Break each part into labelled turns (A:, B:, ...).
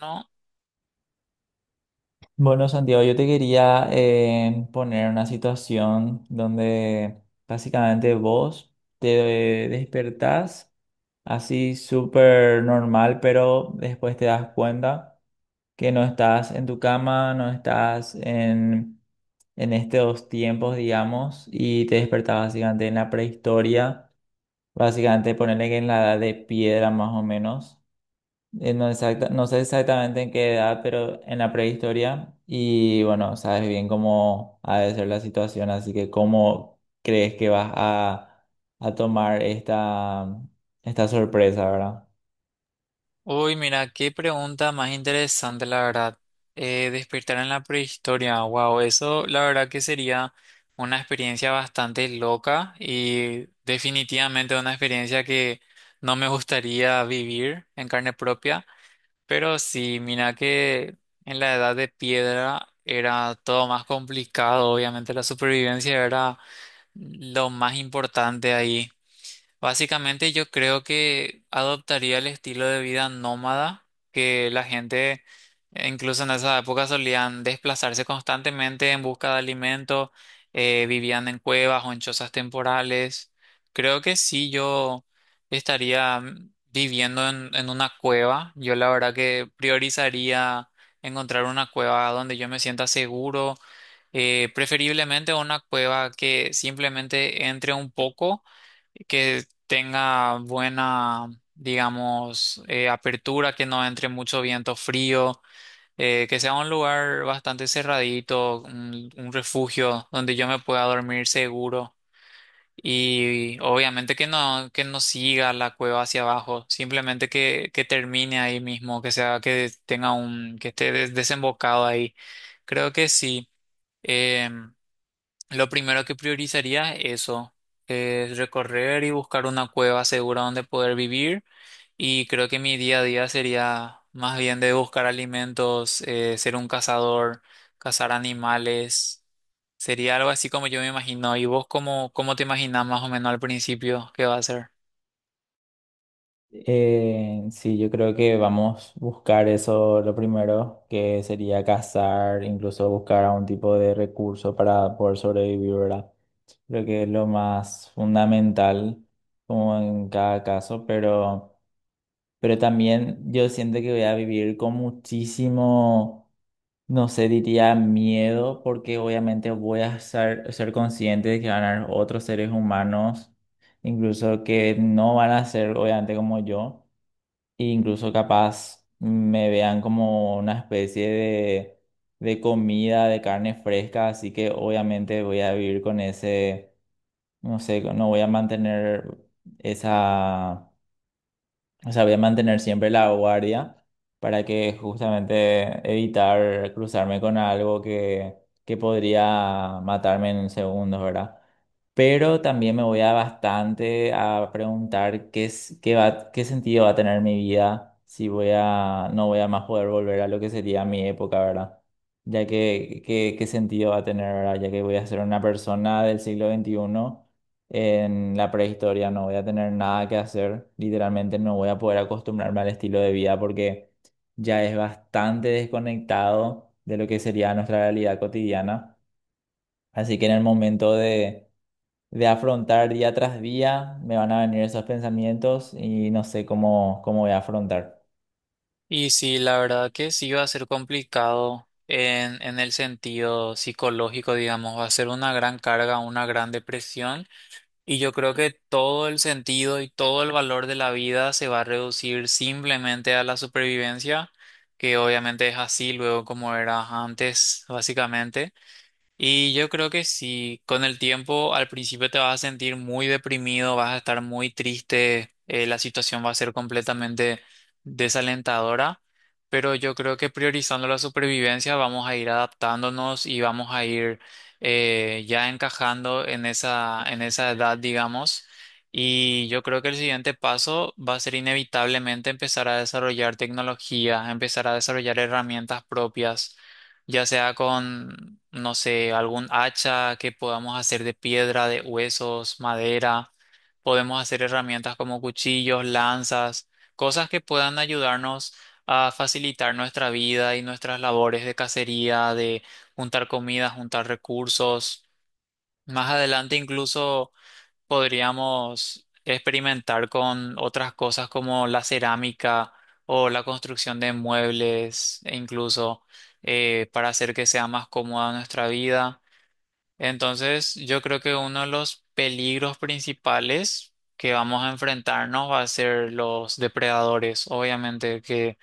A: No.
B: Bueno, Santiago, yo te quería poner una situación donde básicamente vos te despertás así súper normal, pero después te das cuenta que no estás en tu cama, no estás en estos tiempos, digamos, y te despertás básicamente en la prehistoria, básicamente ponerle que en la edad de piedra más o menos. No, no sé exactamente en qué edad, pero en la prehistoria. Y bueno, sabes bien cómo ha de ser la situación, así que cómo crees que a tomar esta sorpresa, ¿verdad?
A: Uy, mira, qué pregunta más interesante, la verdad. Despertar en la prehistoria, wow, eso la verdad que sería una experiencia bastante loca y definitivamente una experiencia que no me gustaría vivir en carne propia. Pero sí, mira que en la edad de piedra era todo más complicado, obviamente la supervivencia era lo más importante ahí. Básicamente yo creo que adoptaría el estilo de vida nómada que la gente incluso en esa época solían desplazarse constantemente en busca de alimento, vivían en cuevas o en chozas temporales. Creo que sí, yo estaría viviendo en una cueva. Yo la verdad que priorizaría encontrar una cueva donde yo me sienta seguro, preferiblemente una cueva que simplemente entre un poco que tenga buena, digamos, apertura, que no entre mucho viento frío, que sea un lugar bastante cerradito, un refugio donde yo me pueda dormir seguro y obviamente que no siga la cueva hacia abajo, simplemente que termine ahí mismo, que sea, que tenga un, que esté desembocado ahí. Creo que sí. Em, lo primero que priorizaría es eso, es recorrer y buscar una cueva segura donde poder vivir. Y creo que mi día a día sería más bien de buscar alimentos, ser un cazador, cazar animales. Sería algo así como yo me imagino. ¿Y vos cómo, cómo te imaginas más o menos al principio qué va a ser?
B: Sí, yo creo que vamos a buscar eso lo primero, que sería cazar, incluso buscar algún tipo de recurso para poder sobrevivir, ¿verdad? Creo que es lo más fundamental, como en cada caso, pero también yo siento que voy a vivir con muchísimo, no sé, diría miedo, porque obviamente voy a ser consciente de que van a haber otros seres humanos, incluso que no van a ser obviamente como yo, e incluso capaz me vean como una especie de comida, de carne fresca, así que obviamente voy a vivir con ese, no sé, no voy a mantener esa o sea, voy a mantener siempre la guardia para que justamente evitar cruzarme con algo que podría matarme en segundos, ¿verdad? Pero también me voy a bastante a preguntar qué es, qué sentido va a tener mi vida si voy a, no voy a más poder volver a lo que sería mi época, ¿verdad? Ya que, qué, qué sentido va a tener, ¿verdad? Ya que voy a ser una persona del siglo XXI en la prehistoria no voy a tener nada que hacer, literalmente no voy a poder acostumbrarme al estilo de vida porque ya es bastante desconectado de lo que sería nuestra realidad cotidiana. Así que en el momento de afrontar día tras día, me van a venir esos pensamientos y no sé cómo, cómo voy a afrontar.
A: Y sí, la verdad que sí va a ser complicado en el sentido psicológico, digamos, va a ser una gran carga, una gran depresión. Y yo creo que todo el sentido y todo el valor de la vida se va a reducir simplemente a la supervivencia, que obviamente es así luego como era antes, básicamente. Y yo creo que sí, con el tiempo al principio te vas a sentir muy deprimido, vas a estar muy triste, la situación va a ser completamente desalentadora, pero yo creo que priorizando la supervivencia vamos a ir adaptándonos y vamos a ir ya encajando en esa edad, digamos. Y yo creo que el siguiente paso va a ser inevitablemente empezar a desarrollar tecnología, empezar a desarrollar herramientas propias ya sea con, no sé, algún hacha que podamos hacer de piedra, de huesos, madera. Podemos hacer herramientas como cuchillos, lanzas, cosas que puedan ayudarnos a facilitar nuestra vida y nuestras labores de cacería, de juntar comida, juntar recursos. Más adelante incluso podríamos experimentar con otras cosas como la cerámica o la construcción de muebles e incluso para hacer que sea más cómoda nuestra vida. Entonces, yo creo que uno de los peligros principales que vamos a enfrentarnos va a ser los depredadores, obviamente que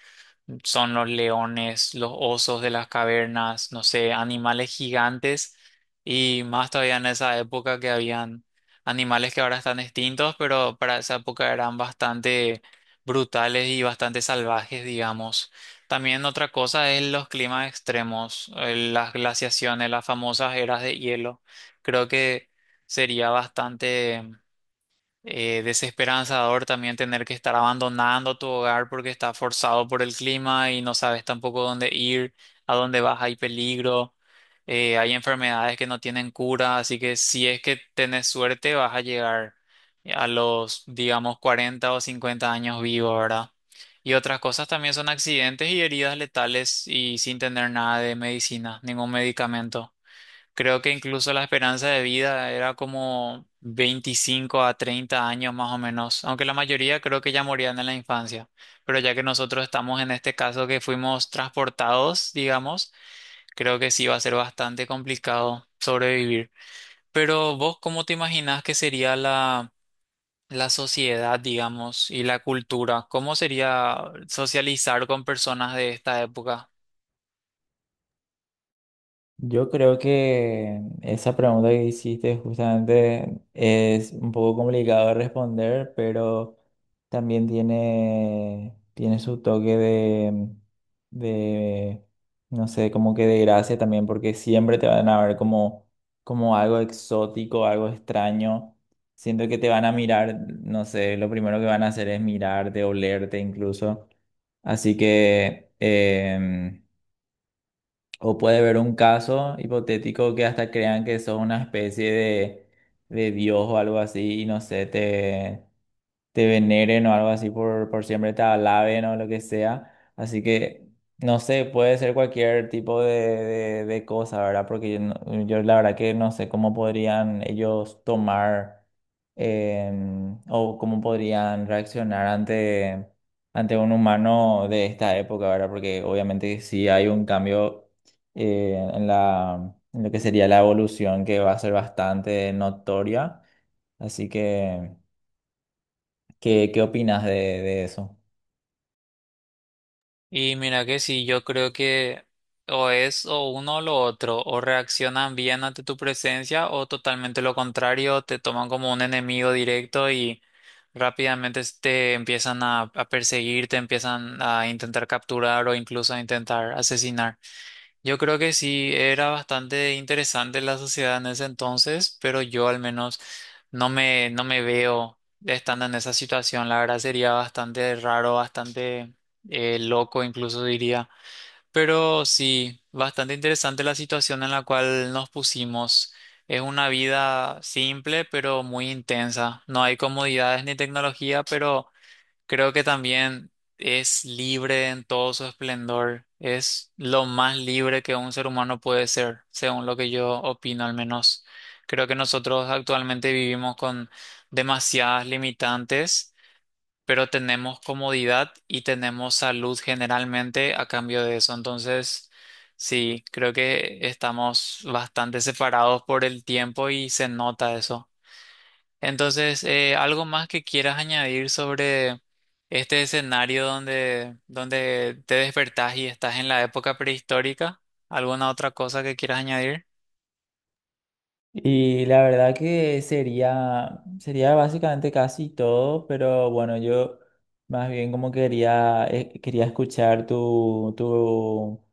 A: son los leones, los osos de las cavernas, no sé, animales gigantes y más todavía en esa época que habían animales que ahora están extintos, pero para esa época eran bastante brutales y bastante salvajes, digamos. También otra cosa es los climas extremos, las glaciaciones, las famosas eras de hielo. Creo que sería bastante desesperanzador también tener que estar abandonando tu hogar porque está forzado por el clima y no sabes tampoco dónde ir, a dónde vas, hay peligro, hay enfermedades que no tienen cura, así que si es que tenés suerte vas a llegar a los, digamos, 40 o 50 años vivo, ¿verdad? Y otras cosas también son accidentes y heridas letales y sin tener nada de medicina, ningún medicamento. Creo que incluso la esperanza de vida era como 25 a 30 años más o menos, aunque la mayoría creo que ya morían en la infancia. Pero ya que nosotros estamos en este caso que fuimos transportados, digamos, creo que sí va a ser bastante complicado sobrevivir. Pero vos, ¿cómo te imaginás que sería la, la sociedad, digamos, y la cultura? ¿Cómo sería socializar con personas de esta época?
B: Yo creo que esa pregunta que hiciste justamente es un poco complicado de responder, pero también tiene su toque de, no sé, como que de gracia también, porque siempre te van a ver como algo exótico, algo extraño. Siento que te van a mirar, no sé, lo primero que van a hacer es mirarte, olerte incluso. Así que o puede haber un caso hipotético que hasta crean que sos una especie de Dios o algo así y no sé, te veneren o algo así por siempre, te alaben o lo que sea. Así que, no sé, puede ser cualquier tipo de cosa, ¿verdad? Porque yo, yo la verdad que no sé cómo podrían ellos tomar o cómo podrían reaccionar ante un humano de esta época, ¿verdad? Porque obviamente sí hay un cambio en en lo que sería la evolución que va a ser bastante notoria. Así que ¿qué, qué opinas de eso?
A: Y mira que sí, yo creo que o es o uno o lo otro, o reaccionan bien ante tu presencia o totalmente lo contrario, te toman como un enemigo directo y rápidamente te empiezan a perseguir, te empiezan a intentar capturar o incluso a intentar asesinar. Yo creo que sí, era bastante interesante la sociedad en ese entonces, pero yo al menos no me veo estando en esa situación. La verdad sería bastante raro, bastante loco incluso diría. Pero sí, bastante interesante la situación en la cual nos pusimos. Es una vida simple, pero muy intensa. No hay comodidades ni tecnología, pero creo que también es libre en todo su esplendor. Es lo más libre que un ser humano puede ser, según lo que yo opino al menos. Creo que nosotros actualmente vivimos con demasiadas limitantes, pero tenemos comodidad y tenemos salud generalmente a cambio de eso. Entonces, sí, creo que estamos bastante separados por el tiempo y se nota eso. Entonces, algo más que quieras añadir sobre este escenario donde, donde te despertás y estás en la época prehistórica, ¿alguna otra cosa que quieras añadir?
B: Y la verdad que sería básicamente casi todo, pero bueno, yo más bien como quería, quería escuchar tu, tu,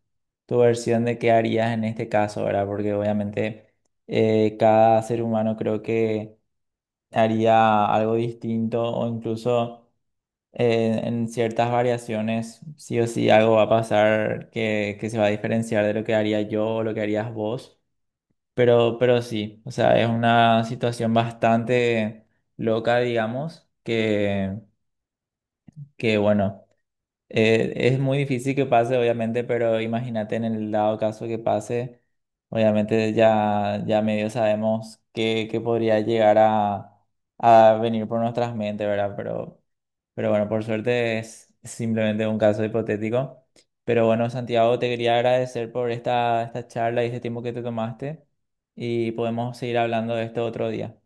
B: tu versión de qué harías en este caso, ¿verdad? Porque obviamente cada ser humano creo que haría algo distinto o incluso en ciertas variaciones, sí o sí algo va a pasar que se va a diferenciar de lo que haría yo o lo que harías vos. Pero sí, o sea, es una situación bastante loca, digamos, que bueno. Es muy difícil que pase, obviamente, pero imagínate en el dado caso que pase, obviamente ya, ya medio sabemos que podría llegar a venir por nuestras mentes, ¿verdad? Pero bueno, por suerte es simplemente un caso hipotético. Pero bueno, Santiago, te quería agradecer por esta charla y este tiempo que te tomaste y podemos seguir hablando de esto otro día.